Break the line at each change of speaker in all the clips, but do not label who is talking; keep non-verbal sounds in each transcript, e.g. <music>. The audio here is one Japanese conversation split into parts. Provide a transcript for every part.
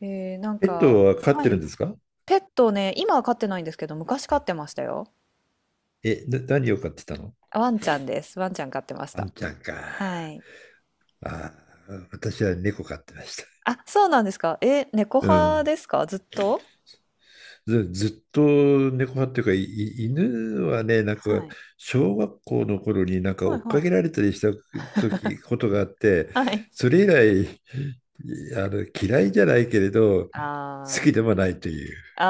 なん
ペッ
か、
トは飼っ
は
てるん
い。
ですか？
ペットね、今は飼ってないんですけど、昔飼ってましたよ。
何を飼ってたの？
ワンちゃんです。ワンちゃん飼ってまし
ワン
た。
ちゃんか。
はい。
あ私は猫飼ってました。
あ、そうなんですか。え、猫
う
派
ん。
ですかずっと？
ずっと猫派っていうか、いい犬はね、なんか、
はい。
小学校の頃になんか
は
追
い
っか
はい。
けられたりした時、ことがあって、
はい。
それ以来、嫌いじゃないけれど、好き
あ
でもないという。
あ、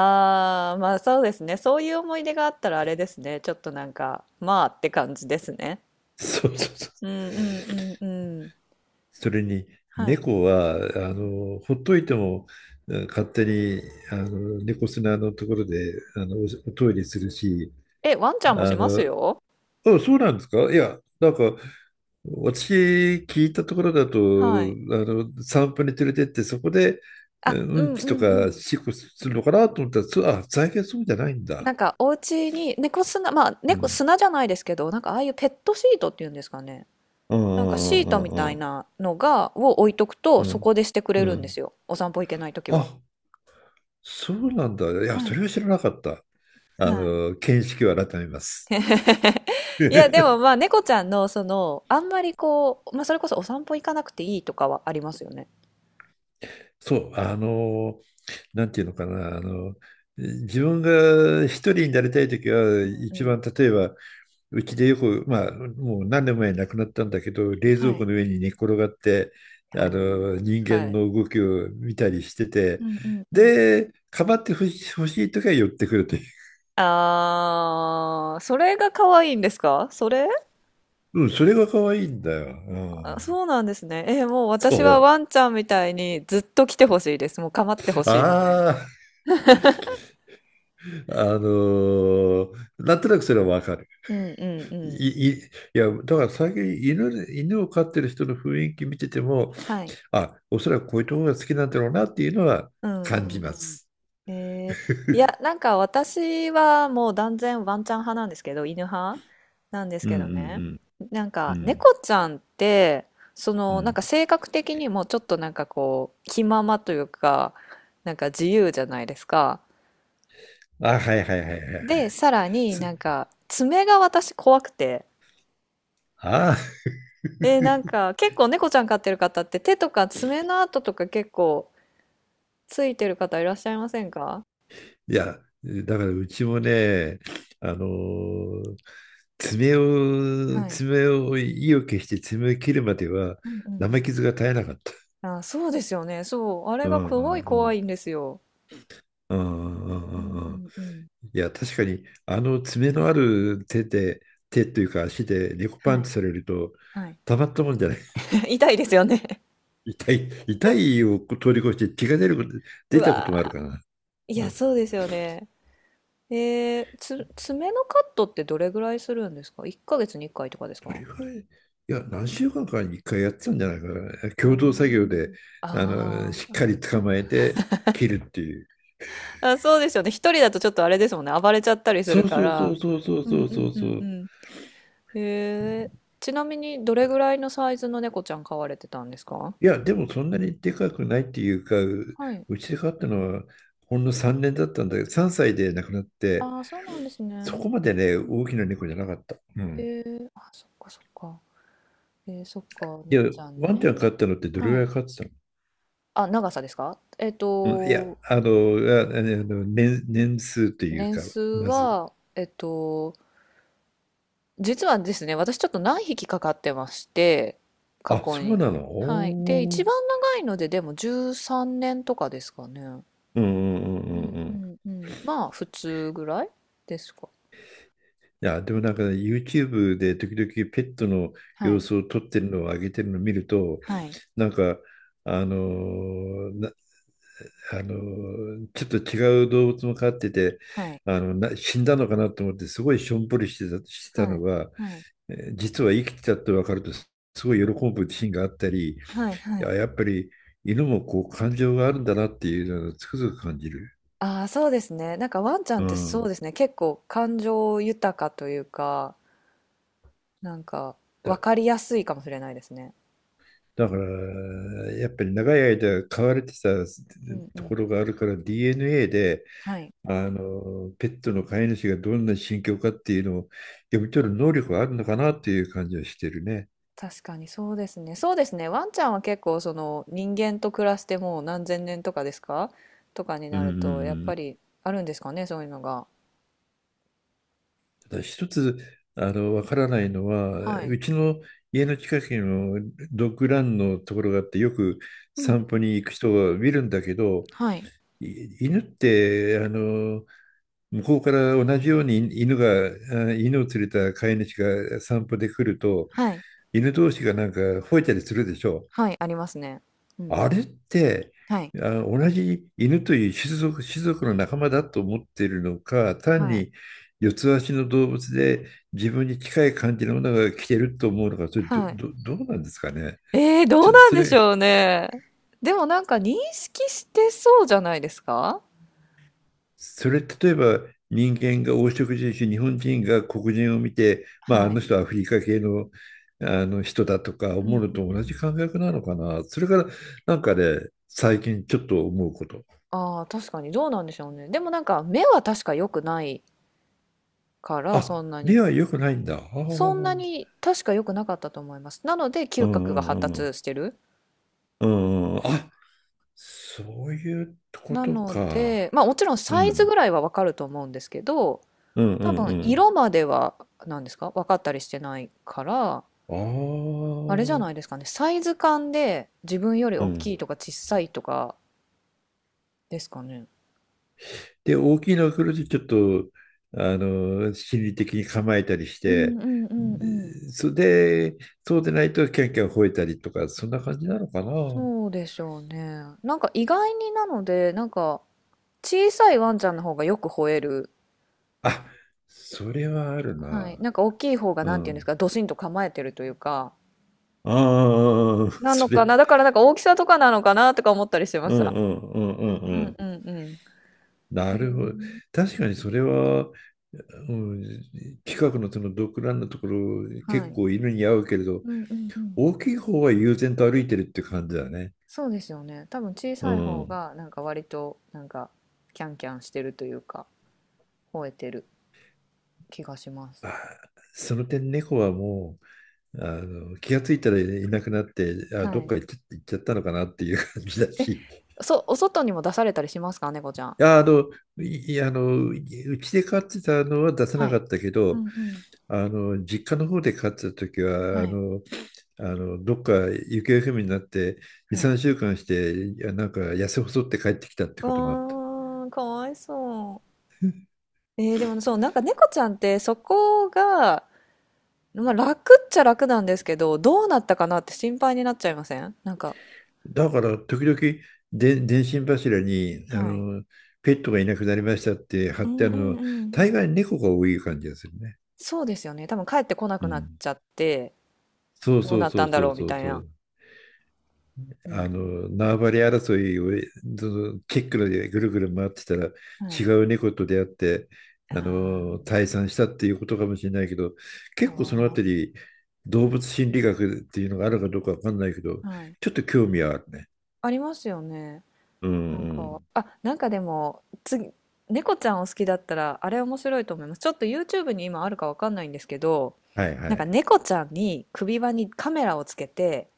ああ、まあそうですね。そういう思い出があったらあれですね。ちょっとなんか、まあって感じですね。
そうそうそう。
うんうんうんうん。
それに
はい。
猫は
うんうん。
ほっといても勝手に猫砂のところでトイレするし。
え、ワンちゃんもし
あ
ま
の
すよ。
あ、そうなんですか？いや、なんか、私聞いたところだと
はい。
散歩に連れてってそこで
あ、う
うん
んう
ちと
んう
か
ん。
しっこするのかなと思ったら、そう、最近そうじゃないんだ。
なんか、お家に猫砂、まあ、
う
猫
ん、
砂じゃないですけど、なんか、ああいうペットシートっていうんですかね。
う
なんか、シ
ん
ー
う
ト
ん
みた
う
い
ん
なのが、を置いとく
う
と、そこ
ん
でしてく
う
れ
んう
るんで
ん。
すよ。お散歩行けないとき
あ
は。
そうなんだ。いや、
は
そ
い。
れは知らなかった。
はい。
見識を改めます。
<laughs> いや、でもまあ、
<laughs>
猫ちゃんの、その、あんまりこう、まあ、それこそお散歩行かなくていいとかはありますよね。
そう、なんていうのかな、自分が一人になりたいときは、
うん
一
うん。
番例えば、うちでよく、まあ、もう何年も前に亡くなったんだけど、冷蔵
はい。
庫の上に寝っ転がって、
おー
人
は
間
い。
の動きを見たりして
う
て、
んうんうん。
で、かまって欲しいときは寄ってくるという。
あー、それが可愛いんですか、それ？
うん、それが可愛いんだよ。う
あ、
ん、
そうなんですね。もう
そ
私はワンちゃんみたいにずっと来てほしいです。もう構ってほ
う。
しいみたいな。
ああ、なんとなくそれはわかる。
うんうんうん。
いや、だから最近犬犬を飼ってる人の雰囲気見てても、
はい。
おそらくこういうところが好きなんだろうなっていうのは
うんう
感じま
ん
す。
うん。いや、なんか私はもう断然ワンちゃん派なんですけど、犬派なんです
うん
け
う
どね。
ん
なん
うんう
か
ん
猫ちゃんって、そ
う
のなん
ん。
か性格的にもちょっとなんかこう気ままというか、なんか自由じゃないですか。
あ、はいはいはいはい。
で、さらに
す
なんか爪が私怖くて。
あ、
なん
<laughs>
か結構猫ちゃん飼ってる方って手とか爪の跡とか結構ついてる方いらっしゃいませんか？
いや、だからうちもね、あのー爪を、
はい。
爪を、意を決して爪を切るまでは
うんう
生
ん
傷が絶えなかった。
うん。あ、そうですよね。そう。あれ
う
がすご
ん
い
う
怖
ん
いんですよ。
うんうん
う
う
んう
んうん。
んうん。
いや、確かに、あの爪のある手で、手というか足で猫パ
は
ン
い。
チされると、
はい。
たまったもんじゃない。
<laughs> 痛いですよね。
<laughs> 痛い、痛いを通り越して血が出ること、
<laughs> う
出たこ
わ
ともあるからな。
ー。い
う
や、
ん、
そうですよね。爪のカットってどれぐらいするんですか ?1 ヶ月に1回とかです
どれ
か？
ぐらい、いや、何週間かに1回やってたんじゃないかな。
あ
共同作業で、
ーあ
しっかり捕まえて切るっていう。
ーあ、そうですよね。一人だとちょっとあれですもんね。暴れちゃったりす
そ
る
う
か
そうそ
ら。
うそうそう
うん
そ
う
うそ
ん
う
う
そ
んう
う。
ん、へえ。ちなみにどれぐらいのサイズの猫ちゃん飼われてたんですか？
いや、でもそんなにでかくないっていうか、
はい。
うちで飼ったのはほんの3年だったんだけど、3歳で亡くなって、
ああ、そうなんですね。
そこまでね、
うん
大
う
きな猫じゃなかった。う
ん。
ん。
あ、そっかそっか。そっか、
いや、
猫ちゃん
ワンちゃん
ね。
飼ったのってどれぐ
は
ら
い。
い飼ってたの？
あ、長さですか？
うん、いや、年数という
年
か、
数
まず。
は、実はですね、私ちょっと何匹かかってまして、過去
そう
に。
なの
はい。で、
お
一
ー。
番長いので、でも13年とかですかね。
うんうんう
う
んうん
ん
う
う
ん。
んうん。まあ、普通ぐらいですか。
いや、でもなんかね、YouTube で時々ペットの
は
様
い、
子を撮ってるのを上げてるのを見ると、
はい、
なんか、あのーちょっと違う動物も飼ってて、
はい、
死んだのかなと思って、すごいしょんぼりしてた
は
の
い、
が、
はい、
実は生きてたって分かると、すごい喜ぶシーンがあったり、い
はい、は
や、
い。
やっぱり犬もこう感情があるんだなっていうのをつくづく感じる。
ああ、そうですね。なんかワンちゃん
う
ってそう
ん。
ですね。結構感情豊かというか、なんか分
だ、
かりやすいかもしれないですね。
だから、やっぱり長い間飼われてた
うんう
と
ん。
ころがあるから、DNA で、
はい。
ペットの飼い主がどんな心境かっていうのを読み取る能力があるのかなっていう感じはしてるね。
確かにそうですね。そうですね。ワンちゃんは結構その人間と暮らしてもう何千年とかですか、とかに
うん
な
うんう
ると、やっぱ
ん。
りあるんですかね、そういうのが。
ただ一つ、わからないのは、
はい。
うちの家の近くのドッグランのところがあって、よく
うんう
散
ん。
歩に行く人が見るんだけど、
はい。
犬って、向こうから同じように犬が、犬を連れた飼い主が散歩で来ると、
はい。
犬同士がなんか吠えたりするでしょ？
はい。ありますね。うんう
あ
ん。
れって、
はい。
同じ犬という種族の仲間だと思っているのか、単
はい。
に四つ足の動物で自分に近い感じのものが来てると思うのか、それど、
はい。
ど、どうなんですかね？
ええ、ど
ち
う
ょっと
なん
そ
でし
れ、
ょうね。でもなんか認識してそうじゃないですか？
例えば人間が黄色人種、日本人が黒人を見て、まあ、あ
は
の
い。
人はアフリカ系の、あの人だとか
うん
思
う
うのと
ん。
同じ感覚なのかな。それからなんかね、最近ちょっと思うこと。
ああ、確かにどうなんでしょうね。でもなんか目は確か良くないから、そ
あ、
んな
目
に。
は良くないんだ。あ
そんな
あ。
に確か良くなかったと思います。なので、
う
嗅覚が
んう
発
んうん。
達してる。
うんうん。あ、そういうこ
な
と
の
か。
で、ま、あもちろん
う
サイズ
ん。
ぐらいは分かると思うんですけど、
うんう
多
ん
分
うん。
色までは、なんですか、分かったりしてないから、
あ
あれじゃないで
あ。
すかね、サイズ感で自分より
う
大
ん。
きいとか小さいとかですかね？
で、大きいのが来るとちょっと、心理的に構えたりし
うん
て、
うんうんうん。
でそれで、そうでないとキャンキャン吠えたりとか、そんな感じなのかな。
そうでしょうね。なんか意外になので、なんか小さいワンちゃんの方がよく吠える。
あ、それはある
はい。
な。
なんか大きい方が
う
なんていうんです
ん。
か、ドシンと構えてるというか。
ああ、
なの
そ
か
れ。
な。だからなんか大きさとかなのかなとか思ったりしてま
う
し
ん
た。
うんうん
う
う
ん
ん。
うんうん。
な
へ
る
え、
ほど。確かにそれは、うん、近くのその独覧のところ、
は
結
い。
構犬に合うけれど、
うんうんうん。
大きい方は悠然と歩いてるって感じだね。
そうですよね。多分小
う
さい方
ん。
がなんか割となんかキャンキャンしてるというか、吠えてる気がします。
その点、猫はもう、気がついたらいなくなって、ど
は
っ
い。
か行っちゃったのかなっていう感じだ
え、
し、い
お外にも出されたりしますか、猫ちゃん？
や、あの、いいあの、うちで飼ってたのは出さ
は
なか
い。
ったけ
うんう
ど、
ん。
実家の方で飼ってた時は、
はい。
どっか行方不明になって、2、
はい。
3週間して、なんか痩せ細って帰ってきたってこともあった。
わあ、かわいそう。でもねそう、なんか猫ちゃんってそこが、まあ、楽っちゃ楽なんですけど、どうなったかなって心配になっちゃいませんなんか？
だから、時々で、電信柱に、
はい。
ペットがいなくなりましたって貼
う
って
ん
あ
う
る
ん
の、
うん。
大概猫が多い感じがするね。
そうですよね。多分帰ってこな
う
くなっ
ん。
ちゃって、
そう
どう
そう
なっ
そ
た
う
んだ
そ
ろ
う
うみ
そう
たい
そ
な。
う。
う
あ
んうん
の縄張り争いをその結露でぐるぐる回ってたら、
うん。は
違
い。
う猫と出会って、
あ
退散したっていうことかもしれないけど、
ー
結構そのあた
あ
り動物心理学っていうのがあるかどうかわかんないけど、
ー、はい。
ちょっと興味はあるね。
ありますよね。
うん
なん
う
か、
ん。
あ、なんかでも、次、猫ちゃんを好きだったら、あれ面白いと思います。ちょっと YouTube に今あるかわかんないんですけど、
はいは
なんか
い。
猫ちゃんに首輪にカメラをつけて、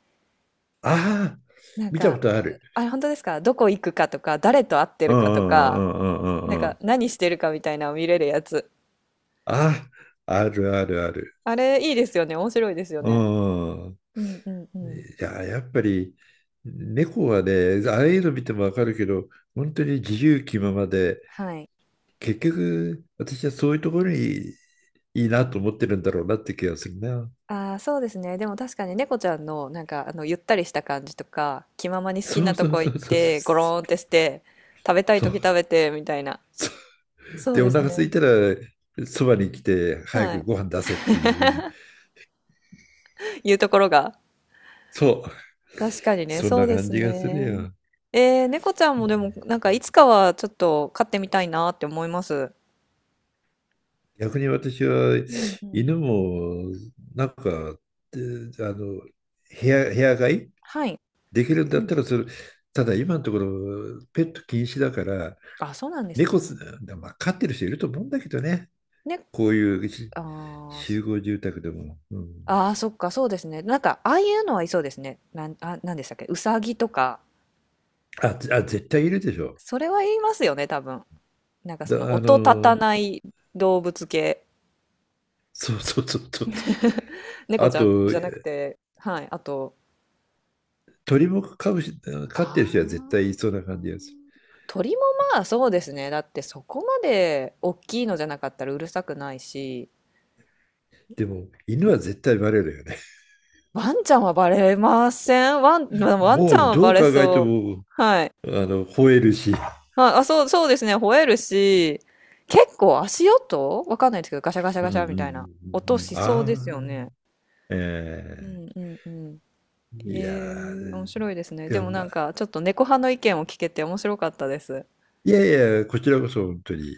ああ、
なん
見た
か、
ことある。
あれ本当ですか？どこ行くかとか、誰と会って
うん
る
う
かと
んう
か、
んうんうんう
なん
んう
か
ん。
何してるかみたいなのを見れるやつ。
あ、あるあるある。
あれいいですよね。面白いですよ
う
ね。
んうん。
うんうんうん。
いや、やっぱり猫はね、ああいうの見てもわかるけど、本当に自由気ままで、
はい。
結局私はそういうところにいいなと思ってるんだろうなって気がするな。
ああ、そうですね。でも確かに猫ちゃんの、なんか、あの、ゆったりした感じとか、気ままに好き
そ
な
う
と
そう
こ
そ
行っ
うそう
て、ゴ
そう。
ローンってして、食べたい
そう
時食べて、みたいな。
そう。
そう
で、お
です
腹空い
ね。
たらそばに来て早
は
く
い。
ご飯出せっていうふうに。
いうところが。
そう。
確かにね、
そん
そ
な
うで
感
す
じがする
ね。
よ。
猫ちゃんもでも、なんか、いつかはちょっと飼ってみたいなって思います。
逆に私は
うんうん。
犬もなんか、えあの部屋飼い
はい。
できるんだ
う
った
ん。
らそれ、ただ今のところ、ペット禁止だから、
あ、そうなんです
猫す、
ね。
まあ、飼ってる人いると思うんだけどね、
ね、
こういうし
あーそ
集合住宅でも。うん、
あー、そっか、そうですね。なんか、ああいうのはいそうですね。なんでしたっけ、うさぎとか、
あ、あ、絶対いるでしょ。
それは言いますよね、多分。なんかその
だ、あ
音立た
の、
ない動物系。
そうそうそうそう。
猫
あ
ちゃん
と、
じゃなくて、はい。あと、
鳥も飼うし、
あ
飼ってる人は絶対いそう
ー
な感じがする。
鳥もまあそうですね。だってそこまで大きいのじゃなかったらうるさくないし、
でも、犬は絶対バレるよね。
ワンちゃんはバレません。まあワンち
も
ゃん
う
は
ど
バ
う
レ
考えて
そう。
も、
はい。
吠えるし。
あ、あ、そう、そうですね。吠えるし、結構足音わかんないですけど、ガシャガシャ
うん
ガ
う
シャみたいな
んう
音
んうん。
しそ
あ
うですよ
あ、
ね。
ええ
うん
ー、
うんうん。
いや
ええ面
ー
白いですね。
い
で
や、
もな
ま
ん
あ、
か、ちょっと猫派の意見を聞けて面白かったです。
いやいや、こちらこそ本当に、